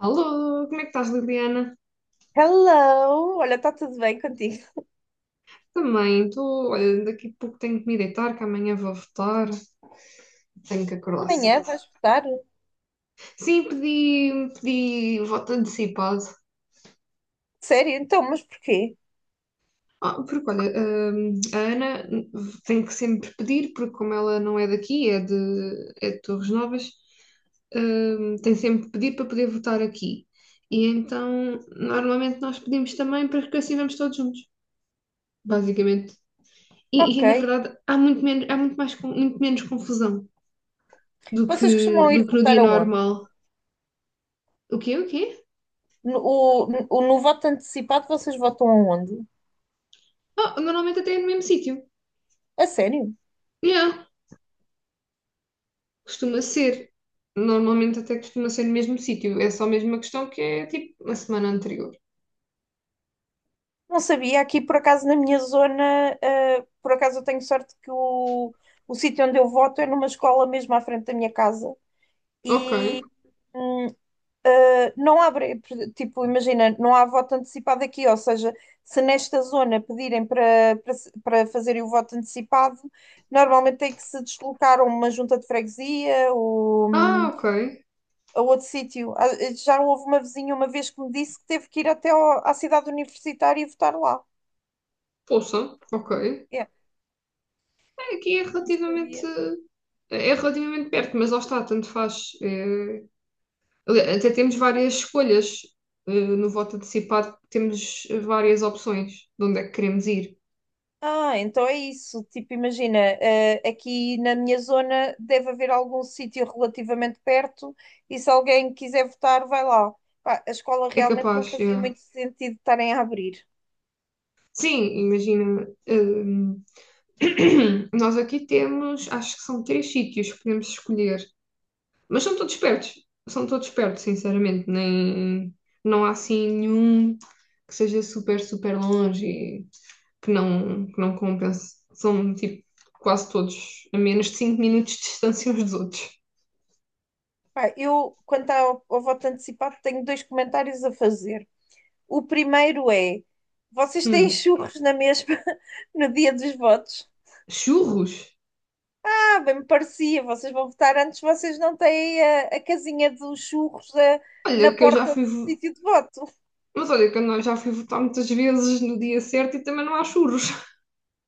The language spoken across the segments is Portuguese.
Alô, como é que estás, Liliana? Hello! Olha, está tudo bem contigo? Também, estou. Olha, daqui a pouco tenho que me deitar, que amanhã vou votar. Tenho que acordar Amanhã cedo. vais votar? Sim, pedi voto antecipado. Sério? Então, mas porquê? Ah, porque, olha, a Ana tem que sempre pedir, porque como ela não é daqui, é de Torres Novas. Hum, tem sempre que pedir para poder votar aqui. E então, normalmente nós pedimos também, para que assim vamos todos juntos. Basicamente. Ok. Na verdade, há muito menos, há muito mais, con- muito menos confusão do que, Vocês costumam ir do que no votar dia aonde? normal. O quê? O quê? No, o, no voto antecipado, vocês votam aonde? Ah, normalmente até é no mesmo sítio. A sério? Yeah, costuma ser. Normalmente até costuma ser no mesmo sítio. É só mesmo uma questão que é tipo a semana anterior. Não sabia. Aqui, por acaso, na minha zona, por acaso eu tenho sorte que o sítio onde eu voto é numa escola mesmo à frente da minha casa. Ok. E Não há, bre- tipo, imagina, não há voto antecipado aqui, ou seja, se nesta zona pedirem para, para, se- para fazerem o voto antecipado, normalmente tem que se deslocar a uma junta de freguesia ou Ah, ok. a outro sítio. Ah, já houve uma vizinha uma vez que me disse que teve que ir à cidade universitária e votar lá. Poça, ok. É, É, aqui é não relativamente. sabia. É relativamente perto, mas lá está, tanto faz. Até temos várias escolhas. No voto antecipado temos várias opções de onde é que queremos ir. Ah, então é isso. Tipo, imagina, aqui na minha zona deve haver algum sítio relativamente perto e se alguém quiser votar, vai lá. Pá, a escola É realmente não capaz, é. fazia muito sentido estarem a abrir. Sim, imagina. Nós aqui temos, acho que são três sítios que podemos escolher, mas são todos perto. São todos perto, sinceramente. Nem, não há assim nenhum que seja super, super longe e que não compense. São tipo quase todos a menos de 5 minutos de distância uns dos outros. Pá, eu, ao voto antecipado, tenho dois comentários a fazer. O primeiro é: vocês têm Hum. churros na mesma no dia dos votos? Churros? Ah, bem me parecia, vocês vão votar antes, vocês não têm a casinha dos churros na Olha que eu já porta do fui. Sítio de voto. Mas olha que eu não- já fui votar muitas vezes no dia certo e também não há churros.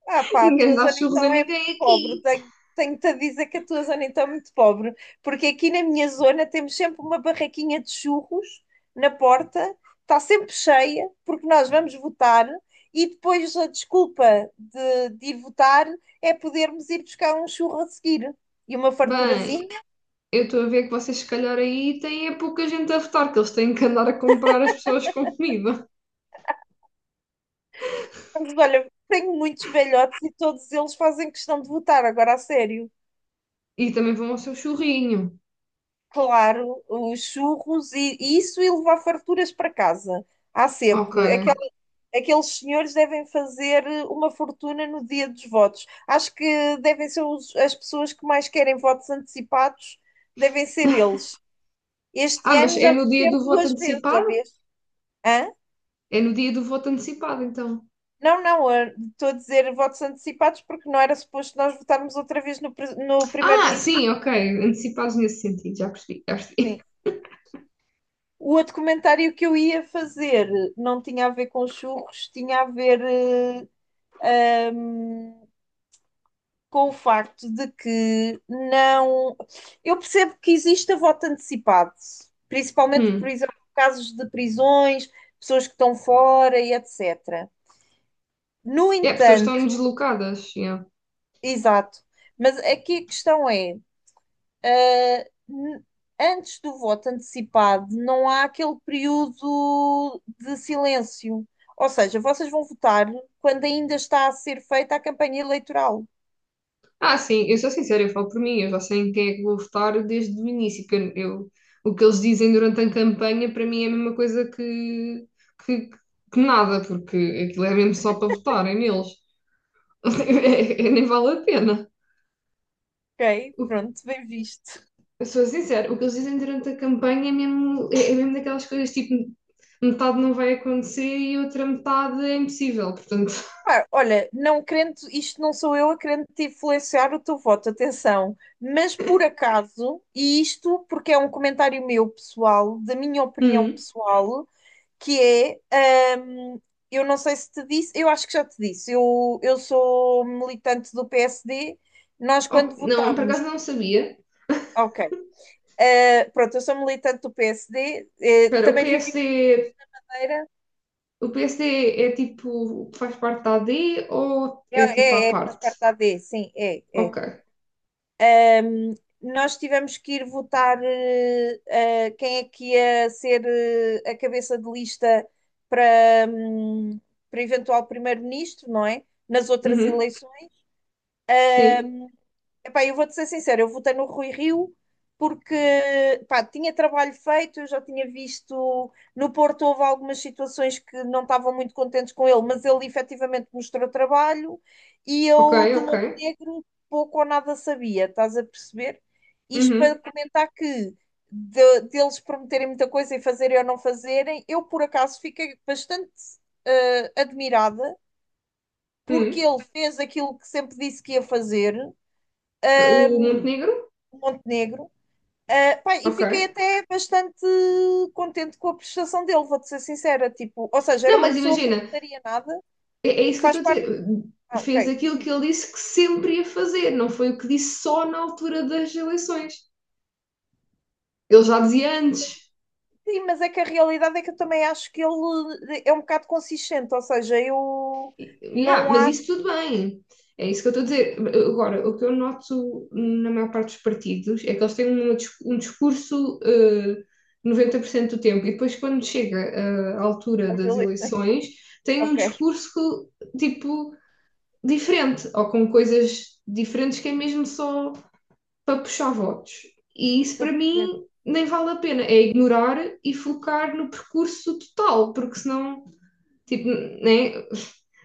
Ah, pá, a Ninguém tua dá zona churros a então é ninguém muito pobre. aqui. Tenho-te a dizer que a tua zona então é muito pobre, porque aqui na minha zona temos sempre uma barraquinha de churros na porta, está sempre cheia, porque nós vamos votar e depois a desculpa de ir votar é podermos ir buscar um churro a seguir e uma Bem, farturazinha. eu estou a ver que vocês se calhar aí têm é pouca gente a votar, que eles têm que andar a comprar as pessoas com comida. Mas olha, tenho muitos velhotes e todos eles fazem questão de votar, agora a sério. E também vão ao seu churrinho. Claro, os churros e isso e levar farturas para casa. Há Ok. sempre. Aqueles senhores devem fazer uma fortuna no dia dos votos. Acho que devem ser as pessoas que mais querem votos antecipados, devem ser eles. Este Ah, mas ano já é vou no dia ter do voto duas vezes, já antecipado? vês? Hã? É no dia do voto antecipado, então. Não, eu estou a dizer votos antecipados porque não era suposto nós votarmos outra vez no Ah, primeiro-ministro. sim, ok. Antecipados nesse sentido, já percebi, já Sim. percebi. O outro comentário que eu ia fazer não tinha a ver com churros, tinha a ver com o facto de que não. Eu percebo que existe a voto antecipado, principalmente, por Hum. exemplo, casos de prisões, pessoas que estão fora e etc. No É, pessoas estão entanto, deslocadas. exato, mas aqui a questão é: Ah, n- antes do voto antecipado, não há aquele período de silêncio. Ou seja, vocês vão votar quando ainda está a ser feita a campanha eleitoral. Ah, sim, eu sou sincera, eu falo por mim, eu já sei em quem é que vou votar desde o início, o que eles dizem durante a campanha para mim é a mesma coisa que, que nada, porque aquilo é mesmo só para votarem neles. Nem vale a pena. Ok? O- Pronto, bem visto. eu sou sincera, o que eles dizem durante a campanha é mesmo, é mesmo daquelas coisas tipo metade não vai acontecer e outra metade é impossível, portanto. Pá, olha, não querendo, isto não sou eu a querendo te influenciar o teu voto, atenção. Mas por acaso, e isto porque é um comentário meu pessoal, da minha opinião Hum. pessoal, que é, eu não sei se te disse, eu acho que já te disse, eu sou militante do PSD, nós Ok, quando não, por votámos, acaso não sabia. ok, pronto, eu sou militante do PSD, Espera, o também vivi em PSD. Madeira, O PSD é tipo, faz parte da AD ou é, é tipo à é, faz parte? parte da A D, sim, é. Ok. Hum, Nós tivemos que ir votar, quem é que ia ser a cabeça de lista para, para eventual primeiro-ministro, não é? Nas outras Uhum. eleições, Sim. epá, eu vou-te ser sincera, eu votei no Rui Rio porque pá, tinha trabalho feito, eu já tinha visto no Porto houve algumas situações que não estavam muito contentes com ele, mas ele efetivamente mostrou trabalho e Ok, eu do ok. Montenegro pouco ou nada sabia, estás a perceber? Isto para Uhum. comentar que deles prometerem muita coisa e fazerem ou não fazerem, eu por acaso fiquei bastante admirada porque Uhum. ele fez aquilo que sempre disse que ia fazer. eh, O Montenegro? Montenegro. Ah, pá, e Ok. fiquei até bastante contente com a prestação dele, vou-te ser sincera. Tipo, ou seja, era Não, uma mas pessoa que eu não imagina, daria nada, é isso que faz eu estou a parte. dizer. Ah, Fez ok, aquilo sim. que ele disse que sempre ia fazer, não foi o que disse só na altura das eleições. Ele já dizia antes. Sim, mas é que a realidade é que eu também acho que ele é um bocado consistente, ou seja, eu Yeah, não mas isso acho. tudo bem. É isso que eu estou a dizer. Agora, o que eu noto na maior parte dos partidos é que eles têm um discurso 90% do tempo e depois, quando chega à altura As das eleições. eleições, têm um Ok, discurso tipo diferente ou com coisas diferentes que é mesmo só para puxar votos. E isso estou a para perceber. mim nem vale a pena. É ignorar e focar no percurso total, porque senão, tipo, né?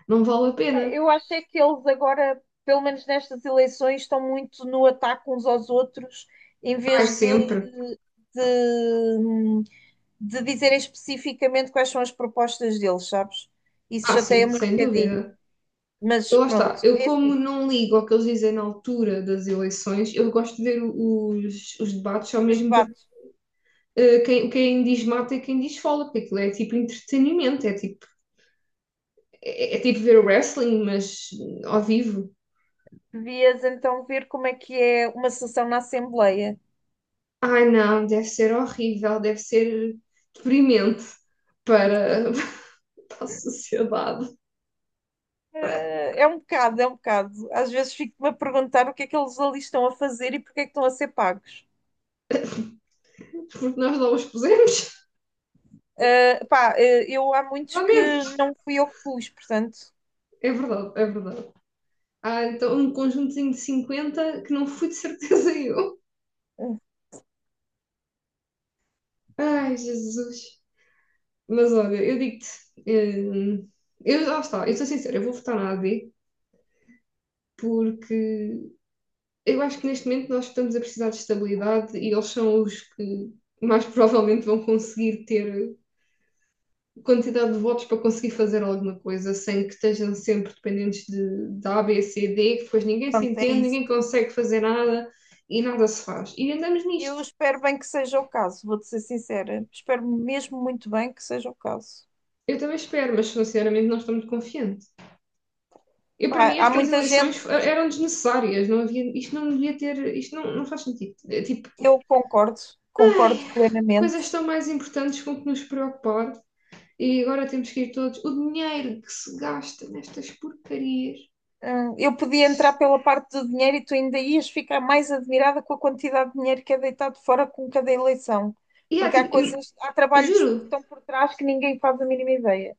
Não vale a Pá, pena. eu acho é que eles agora, pelo menos nestas eleições, estão muito no ataque uns aos outros, em Ai, vez de, sempre. de de dizer especificamente quais são as propostas deles, sabes? Isso Ah, sim, chateia-me um sem bocadinho. dúvida. Mas Eu, lá está. pronto, Eu, é como assim, não ligo ao que eles dizem na altura das eleições, eu gosto de ver os debates só os mesmo para debates. Quem diz mata e quem diz fala, porque aquilo é tipo entretenimento, é tipo ver wrestling, mas ao vivo. Devias então ver como é que é uma sessão na Assembleia. Ai, não, deve ser horrível, deve ser deprimente para, para a sociedade, É um bocado, é um bocado. Às vezes fico-me a perguntar o que é que eles ali estão a fazer e porque é que estão a ser pagos. porque nós não os pusemos, Eu há muitos a que menos. não fui eu que pus, portanto, É verdade, é verdade. Ah, então um conjuntozinho de 50 que não fui de certeza eu. eh, Ai, Jesus. Mas olha, eu digo-te, hum, eu, lá está, eu sou sincera, eu vou votar na AD porque eu acho que neste momento nós estamos a precisar de estabilidade e eles são os que mais provavelmente vão conseguir ter quantidade de votos para conseguir fazer alguma coisa sem que estejam sempre dependentes de A, B, C, D, que depois ninguém se pronto, é entende, isso. ninguém consegue fazer nada e nada se faz. E andamos Eu nisto. espero bem que seja o caso, vou-te ser sincera. Espero mesmo muito bem que seja o caso. Eu também espero, mas sinceramente não estou muito confiante. Eu, para Pá, mim, há estas muita gente. eleições eram desnecessárias, não havia, isto não devia ter, isto não, não faz sentido. É tipo, Eu concordo, ai, concordo coisas plenamente. tão mais importantes com que nos preocupar e agora temos que ir todos. O dinheiro que se gasta nestas porcarias. Eu podia entrar pela parte do dinheiro e tu ainda ias ficar mais admirada com a quantidade de dinheiro que é deitado fora com cada eleição, E há, porque há tipo, coisas, há trabalhos que juro, estão por trás que ninguém faz a mínima ideia.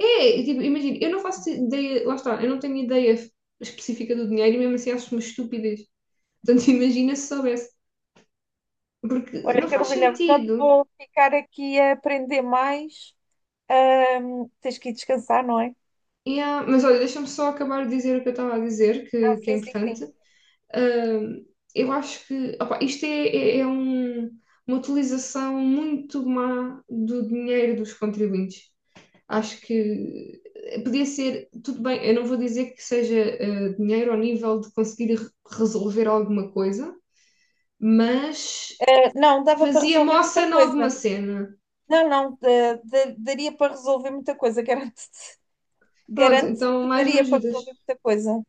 é, tipo, imagina, eu não faço ideia, lá está, eu não tenho ideia específica do dinheiro e mesmo assim acho uma estupidez. Portanto, imagina se soubesse, porque não Olha, faz Carolina, não te sentido. vou ficar aqui a aprender mais. Tens que ir descansar, não é? Yeah, mas olha, deixa-me só acabar de dizer o que eu estava a dizer, Ah, que é sim, sim, importante. sim. Ahm, eu acho que opa, isto é, é- é um- uma utilização muito má do dinheiro dos contribuintes. Acho que podia ser, tudo bem, eu não vou dizer que seja dinheiro ao nível de conseguir resolver alguma coisa, mas Não, dava para fazia resolver moça muita em alguma coisa. cena. Não, não, daria para resolver muita coisa, garanto-te. Pronto, Garanto então que mais me daria para ajudas. resolver muita coisa.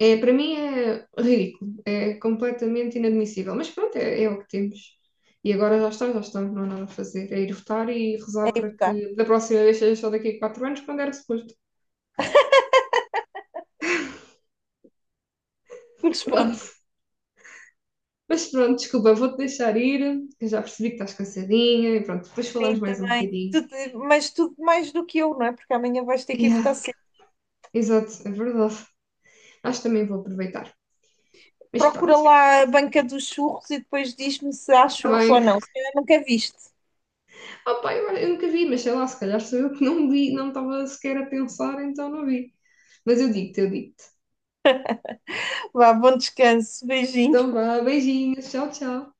É, para mim é ridículo, é completamente inadmissível, mas pronto, é o que temos. E agora já está, já estamos, não há nada a fazer. É ir votar e É rezar ir para votar. que da próxima vez seja só daqui a 4 anos, quando era suposto. Pronto. Corresponde. Mas pronto, desculpa, vou-te deixar ir, que eu já percebi que estás cansadinha e pronto, depois falamos Sim, mais um também. bocadinho. Mas tudo mais do que eu, não é? Porque amanhã vais ter que ir Yeah, votar cedo. exato, é verdade. Acho que também vou aproveitar. Mas Procura pronto, lá a banca dos churros e depois diz-me se há está churros ou bem. não. Se calhar nunca viste. Oh, pá, eu nunca vi, mas sei lá, se calhar sou eu que não vi, não estava sequer a pensar, então não vi. Mas eu digo-te, eu digo-te. Vá, bom descanso. Então Beijinho. vá, beijinhos, tchau, tchau.